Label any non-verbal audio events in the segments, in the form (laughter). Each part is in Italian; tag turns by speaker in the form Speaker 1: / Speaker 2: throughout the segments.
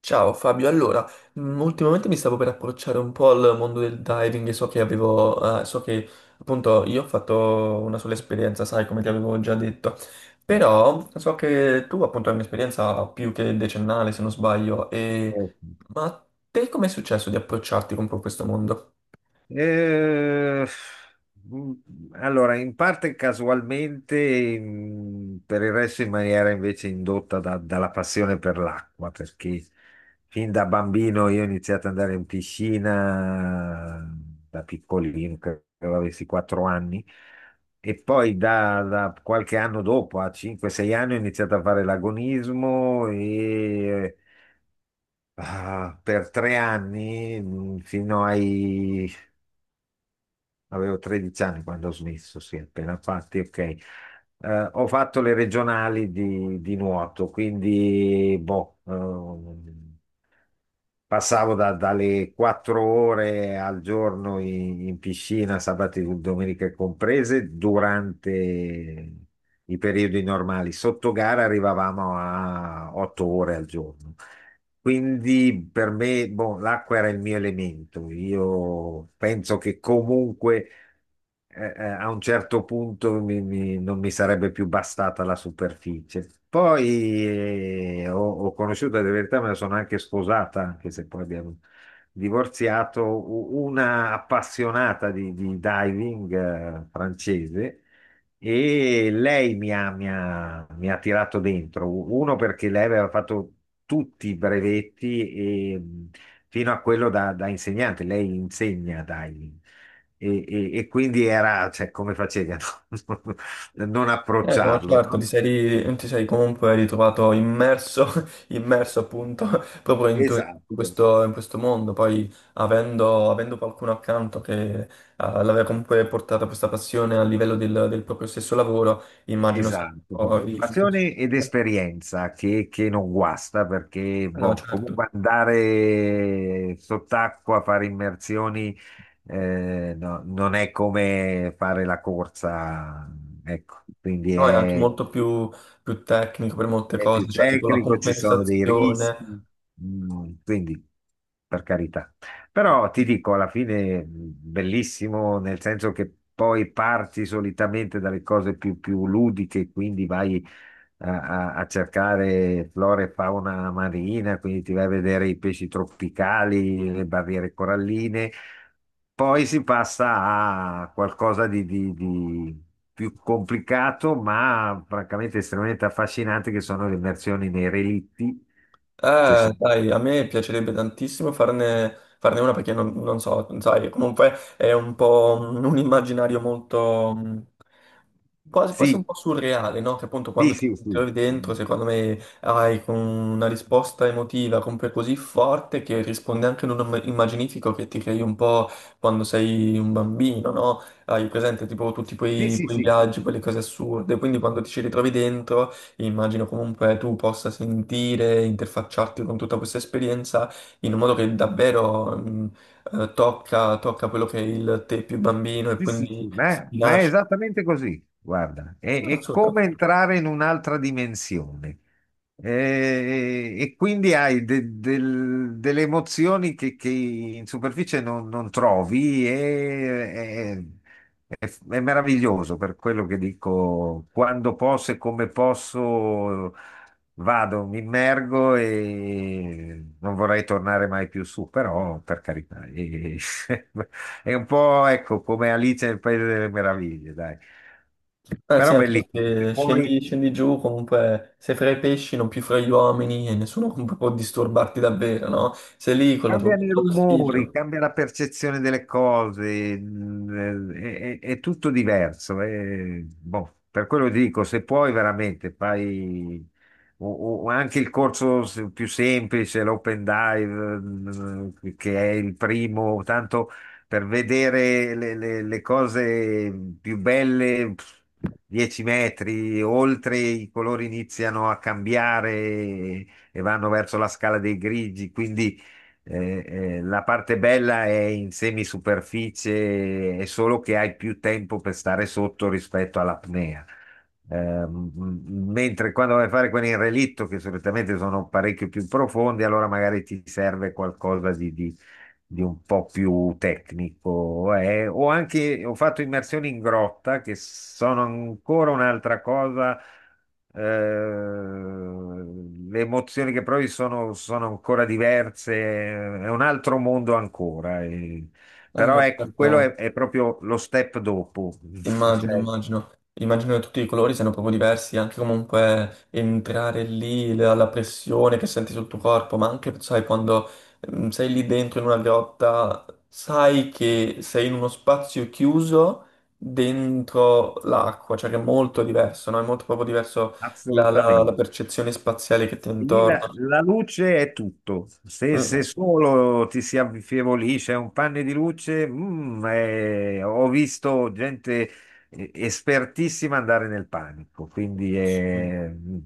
Speaker 1: Ciao Fabio, allora, ultimamente mi stavo per approcciare un po' al mondo del diving e so che appunto io ho fatto una sola esperienza, sai, come ti avevo già detto, però so che tu appunto hai un'esperienza più che decennale, se non sbaglio.
Speaker 2: Eh,
Speaker 1: Ma a te com'è successo di approcciarti con questo mondo?
Speaker 2: mm, allora, in parte casualmente, per il resto in maniera invece indotta dalla passione per l'acqua, perché fin da bambino io ho iniziato ad andare in piscina da piccolino, credo avessi 4 anni, e poi da qualche anno dopo, a 5-6 anni, ho iniziato a fare l'agonismo e... Ah, per tre anni, fino ai avevo 13 anni quando ho smesso, sì, appena fatti, ok. Ho fatto le regionali di nuoto, quindi boh, passavo dalle 4 ore al giorno in piscina, sabato e domenica comprese, durante i periodi normali. Sotto gara arrivavamo a 8 ore al giorno. Quindi per me, boh, l'acqua era il mio elemento. Io penso che comunque a un certo punto non mi sarebbe più bastata la superficie. Poi ho conosciuto, in verità me la sono anche sposata, anche se poi abbiamo divorziato, una appassionata di diving francese e lei mi ha, mi ha tirato dentro. Uno perché lei aveva fatto tutti i brevetti e, fino a quello da insegnante, lei insegna diving. E quindi era, cioè, come facevi a non, (laughs) non
Speaker 1: No,
Speaker 2: approcciarlo,
Speaker 1: certo, ti
Speaker 2: no?
Speaker 1: sei, ri- ti sei comunque ritrovato immerso, (laughs) immerso appunto (laughs) proprio in, tu- in
Speaker 2: Esatto,
Speaker 1: questo, in questo mondo. Poi avendo qualcuno accanto che l'aveva comunque portata questa passione a livello del, del proprio stesso lavoro, immagino sia un
Speaker 2: esatto. Boh,
Speaker 1: po'.
Speaker 2: passione ed esperienza che non guasta perché,
Speaker 1: No,
Speaker 2: boh,
Speaker 1: certo.
Speaker 2: comunque andare sott'acqua a fare immersioni no, non è come fare la corsa, ecco, quindi
Speaker 1: No, è anche
Speaker 2: è
Speaker 1: molto più tecnico per molte
Speaker 2: è
Speaker 1: cose,
Speaker 2: più
Speaker 1: cioè tipo la
Speaker 2: tecnico, ci sono dei
Speaker 1: compensazione.
Speaker 2: rischi, quindi per carità. Però ti dico, alla fine bellissimo, nel senso che poi parti solitamente dalle cose più, più ludiche, quindi vai a, a cercare flora e fauna marina, quindi ti vai a vedere i pesci tropicali, le barriere coralline. Poi si passa a qualcosa di più complicato, ma francamente estremamente affascinante, che sono le immersioni nei relitti, che sono...
Speaker 1: Dai, a me piacerebbe tantissimo farne una perché non so, sai, comunque è un po' un immaginario molto quasi, quasi un
Speaker 2: Sì,
Speaker 1: po' surreale, no? Che appunto quando
Speaker 2: sì,
Speaker 1: ti
Speaker 2: sì,
Speaker 1: ti
Speaker 2: sì,
Speaker 1: trovi dentro, secondo me hai con una risposta emotiva comunque così forte che risponde anche in un immaginifico che ti crei un po' quando sei un bambino, no? Hai presente tipo tutti
Speaker 2: sì,
Speaker 1: quei,
Speaker 2: sì,
Speaker 1: quei
Speaker 2: sì,
Speaker 1: viaggi, quelle cose assurde, quindi quando ti ci ritrovi dentro. Immagino comunque tu possa sentire, interfacciarti con tutta questa esperienza in un modo che davvero tocca quello che è il te più bambino e
Speaker 2: sì, sì, sì,
Speaker 1: quindi si
Speaker 2: ma è
Speaker 1: nasce.
Speaker 2: esattamente così, guarda, è- come
Speaker 1: Assolutamente.
Speaker 2: entrare in un'altra dimensione. Quindi hai delle emozioni che in superficie non, non trovi e è, è meraviglioso. Per quello che dico, quando posso e come posso vado, mi immergo e non vorrei tornare mai più su, però per carità, (laughs) è un po', ecco, come Alice nel Paese delle Meraviglie, dai.
Speaker 1: Eh sì,
Speaker 2: Però
Speaker 1: anche
Speaker 2: bellissimo. Se
Speaker 1: perché
Speaker 2: puoi,
Speaker 1: scendi giù, comunque sei fra i pesci, non più fra gli uomini e nessuno comunque può disturbarti davvero, no? Sei lì con la tua
Speaker 2: cambiano i
Speaker 1: boccetta
Speaker 2: rumori,
Speaker 1: d'ossigeno.
Speaker 2: cambia la percezione delle cose, è, è tutto diverso. Boh, per quello dico, se puoi veramente fai o anche il corso più semplice, l'open dive, che è il primo, tanto per vedere le, le cose più belle, pff, 10 metri, oltre i colori iniziano a cambiare e vanno verso la scala dei grigi, quindi eh, la parte bella è in semisuperficie, è solo che hai più tempo per stare sotto rispetto all'apnea. Mentre quando vai a fare quelli in relitto, che solitamente sono parecchio più profondi, allora magari ti serve qualcosa di un po' più tecnico. Ho anche ho fatto immersioni in grotta che sono ancora un'altra cosa. Le emozioni che provi sono, sono ancora diverse, è un altro mondo ancora.
Speaker 1: Eh
Speaker 2: Però
Speaker 1: no,
Speaker 2: ecco, quello
Speaker 1: certo.
Speaker 2: è proprio lo step dopo. (laughs)
Speaker 1: Immagino,
Speaker 2: Cioè,
Speaker 1: immagino, immagino che tutti i colori siano proprio diversi, anche comunque entrare lì, la pressione che senti sul tuo corpo, ma anche, sai, quando sei lì dentro in una grotta, sai che sei in uno spazio chiuso dentro l'acqua, cioè che è molto diverso, no? È molto proprio diverso la
Speaker 2: assolutamente.
Speaker 1: percezione spaziale che ti è
Speaker 2: E lì la,
Speaker 1: intorno.
Speaker 2: la luce è tutto. Se, se
Speaker 1: Mm,
Speaker 2: solo ti si affievolisce un panne di luce, ho visto gente espertissima andare nel panico. Quindi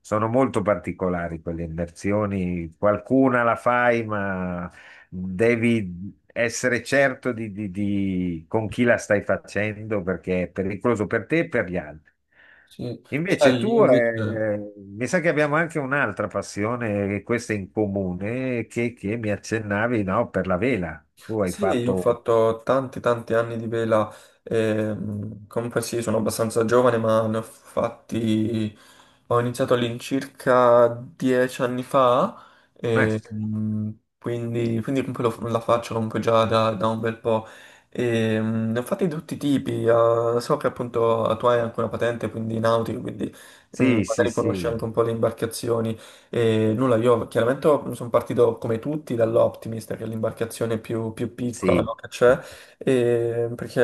Speaker 2: sono molto particolari quelle immersioni. Qualcuna la fai, ma devi essere certo con chi la stai facendo perché è pericoloso per te e per gli altri.
Speaker 1: sì.
Speaker 2: Invece
Speaker 1: Sai, io
Speaker 2: tu,
Speaker 1: invece.
Speaker 2: mi sa che abbiamo anche un'altra passione, e questa è in comune, che mi accennavi, no, per la vela. Tu hai
Speaker 1: Sì, io ho
Speaker 2: fatto...
Speaker 1: fatto tanti tanti anni di vela, comunque sì, sono abbastanza giovane, ma ne ho fatti, ho iniziato all'incirca 10 anni fa.
Speaker 2: eh,
Speaker 1: e, mm, quindi comunque la faccio comunque già da un bel po'. E, ne ho fatti di tutti i tipi, so che appunto tu hai anche una patente, quindi nautica, quindi
Speaker 2: sì, sì,
Speaker 1: magari
Speaker 2: sì,
Speaker 1: conosci anche un po' le imbarcazioni. E nulla, io chiaramente sono partito come tutti dall'Optimist, che è l'imbarcazione più piccola, no,
Speaker 2: sì.
Speaker 1: che c'è, perché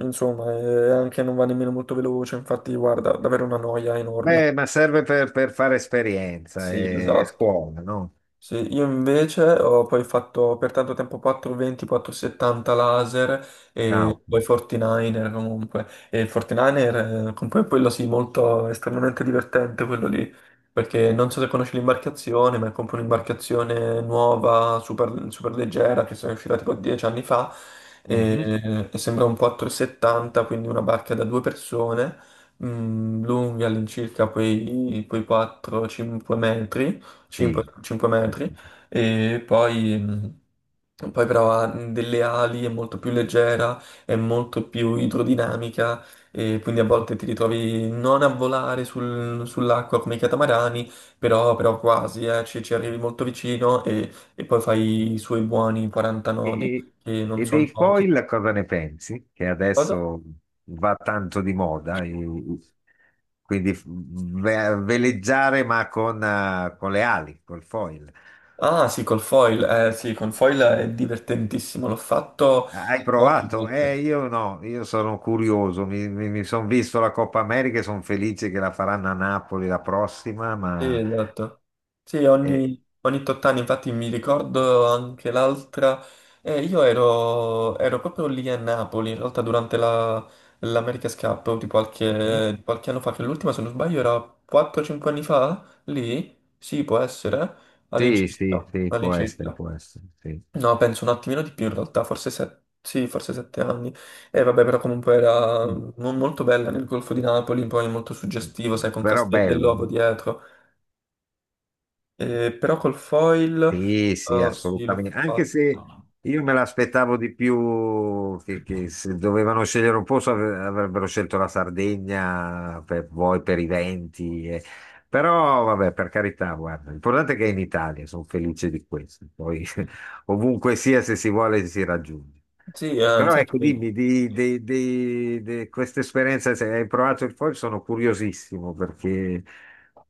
Speaker 1: insomma anche non va nemmeno molto veloce, infatti guarda, davvero una noia enorme.
Speaker 2: Beh, ma serve per fare esperienza
Speaker 1: Sì, esatto,
Speaker 2: e
Speaker 1: esatto.
Speaker 2: scuola, no?
Speaker 1: Sì, io invece ho poi fatto per tanto tempo 420, 470 laser
Speaker 2: Ciao.
Speaker 1: e poi 49er comunque. E il 49er, comunque quello sì, molto estremamente divertente quello lì, perché non so se conosci l'imbarcazione, ma è comunque un'imbarcazione nuova, super, super leggera, che è uscita tipo 10 anni fa,
Speaker 2: Mhm,
Speaker 1: e sembra un 470, quindi una barca da due persone, lunghi all'incirca quei 4-5 metri. 5,
Speaker 2: sì.
Speaker 1: 5 metri e poi però ha delle ali, è molto più leggera, è molto più idrodinamica e quindi a volte ti ritrovi non a volare sull'acqua come i catamarani, però quasi, ci arrivi molto vicino e poi fai i suoi buoni 40
Speaker 2: E,
Speaker 1: nodi
Speaker 2: e-
Speaker 1: che non
Speaker 2: e dei
Speaker 1: sono pochi.
Speaker 2: foil cosa ne pensi? Che
Speaker 1: Cosa?
Speaker 2: adesso va tanto di moda, quindi veleggiare ma con le ali, col foil.
Speaker 1: Ah sì, col foil, sì, con foil è divertentissimo, l'ho fatto
Speaker 2: Hai
Speaker 1: poche
Speaker 2: provato?
Speaker 1: volte.
Speaker 2: Io no, io sono curioso, sono visto la Coppa America e sono felice che la faranno a Napoli la prossima,
Speaker 1: Sì,
Speaker 2: ma...
Speaker 1: esatto. Sì,
Speaker 2: eh,
Speaker 1: ogni tot anni, infatti mi ricordo anche l'altra, io ero proprio lì a Napoli, in realtà durante l'America's Cup di
Speaker 2: mhm.
Speaker 1: qualche, di qualche anno fa, che l'ultima se non sbaglio era 4-5 anni fa, lì, sì può essere,
Speaker 2: Sì, sì,
Speaker 1: all'incirca,
Speaker 2: sì,
Speaker 1: all'incirca.
Speaker 2: può essere, sì.
Speaker 1: No, penso un attimino di più in realtà, forse 7, sì, forse 7 anni. E vabbè, però comunque era
Speaker 2: Mm.
Speaker 1: molto bella nel Golfo di Napoli, poi molto
Speaker 2: Mm,
Speaker 1: suggestivo,
Speaker 2: mm.
Speaker 1: sai, con
Speaker 2: Però
Speaker 1: Castel
Speaker 2: bello.
Speaker 1: dell'Ovo dietro. Però col foil,
Speaker 2: Sì, sì,
Speaker 1: sì, l'ho
Speaker 2: assolutamente. Anche
Speaker 1: fatto.
Speaker 2: se io me l'aspettavo di più che se dovevano scegliere un posto avrebbero scelto la Sardegna per, poi per i venti. Però vabbè, per carità, guarda, l'importante è che è in Italia, sono felice di questo. Poi (laughs) ovunque sia, se si vuole, si raggiunge.
Speaker 1: Sì,
Speaker 2: Però
Speaker 1: sai che
Speaker 2: ecco, dimmi, di questa esperienza, se hai provato il foil, sono curiosissimo perché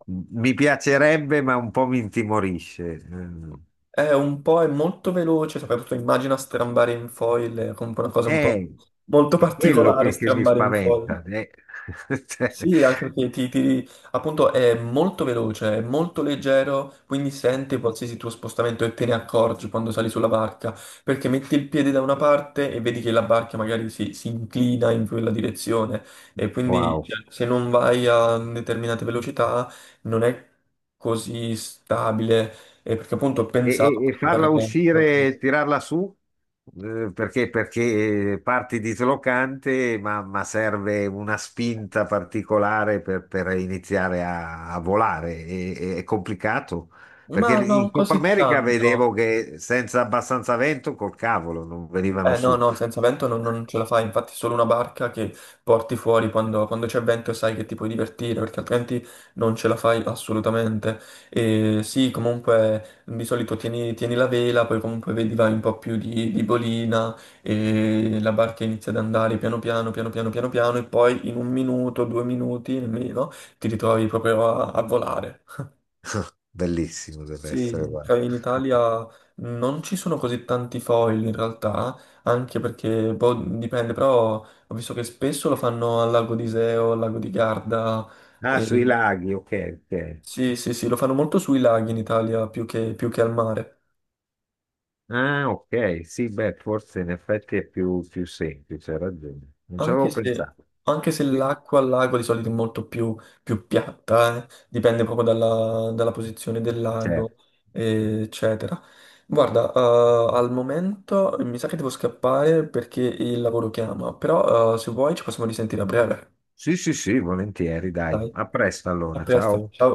Speaker 2: mi piacerebbe, ma un po' mi intimorisce. Mm.
Speaker 1: è un po', è molto veloce, soprattutto immagina strambare in foil, è comunque una cosa un po'
Speaker 2: Eh,
Speaker 1: molto
Speaker 2: è quello
Speaker 1: particolare
Speaker 2: che mi
Speaker 1: strambare in foil.
Speaker 2: spaventa. (laughs) Cioè,
Speaker 1: Sì, anche perché appunto è molto veloce, è molto leggero, quindi sente qualsiasi tuo spostamento e te ne accorgi quando sali sulla barca, perché metti il piede da una parte e vedi che la barca magari si inclina in quella direzione e quindi
Speaker 2: wow.
Speaker 1: cioè, se non vai a determinate velocità non è così stabile, perché appunto ho
Speaker 2: E,
Speaker 1: pensato
Speaker 2: e
Speaker 1: appunto
Speaker 2: farla
Speaker 1: per... per-
Speaker 2: uscire, tirarla su? Perché, perché parti dislocante, ma serve una spinta particolare per iniziare a, a volare. È complicato. Perché
Speaker 1: Ma non
Speaker 2: in Coppa
Speaker 1: così
Speaker 2: America vedevo
Speaker 1: tanto.
Speaker 2: che senza abbastanza vento, col cavolo, non venivano
Speaker 1: No,
Speaker 2: su.
Speaker 1: no, senza vento non ce la fai, infatti è solo una barca che porti fuori quando c'è vento e sai che ti puoi divertire, perché altrimenti non ce la fai assolutamente. E sì, comunque di solito tieni la vela, poi comunque vedi vai un po' più di bolina e la barca inizia ad andare piano piano, piano piano, piano piano e poi in un minuto, 2 minuti nemmeno ti ritrovi proprio a volare.
Speaker 2: Bellissimo deve essere,
Speaker 1: Sì,
Speaker 2: guarda.
Speaker 1: cioè in Italia non ci sono così tanti foil in realtà, anche perché boh, dipende, però ho visto che spesso lo fanno al lago di Seo, al lago di Garda,
Speaker 2: Ah, sui
Speaker 1: e-
Speaker 2: laghi, ok, ok.
Speaker 1: sì, sì, sì, lo fanno molto sui laghi in Italia più che, al mare.
Speaker 2: Ah, ok, sì, beh, forse in effetti è più, più semplice, hai ragione. Non ci avevo
Speaker 1: Anche se,
Speaker 2: pensato.
Speaker 1: anche se
Speaker 2: Sì,
Speaker 1: l'acqua al lago di solito è molto più piatta. Dipende proprio dalla posizione del
Speaker 2: certo.
Speaker 1: lago, eccetera. Guarda, al momento mi sa che devo scappare perché il lavoro chiama, però se vuoi ci possiamo risentire a breve.
Speaker 2: Sì, sì, sì, volentieri,
Speaker 1: Dai,
Speaker 2: dai. A presto
Speaker 1: a
Speaker 2: allora,
Speaker 1: presto,
Speaker 2: ciao.
Speaker 1: ciao.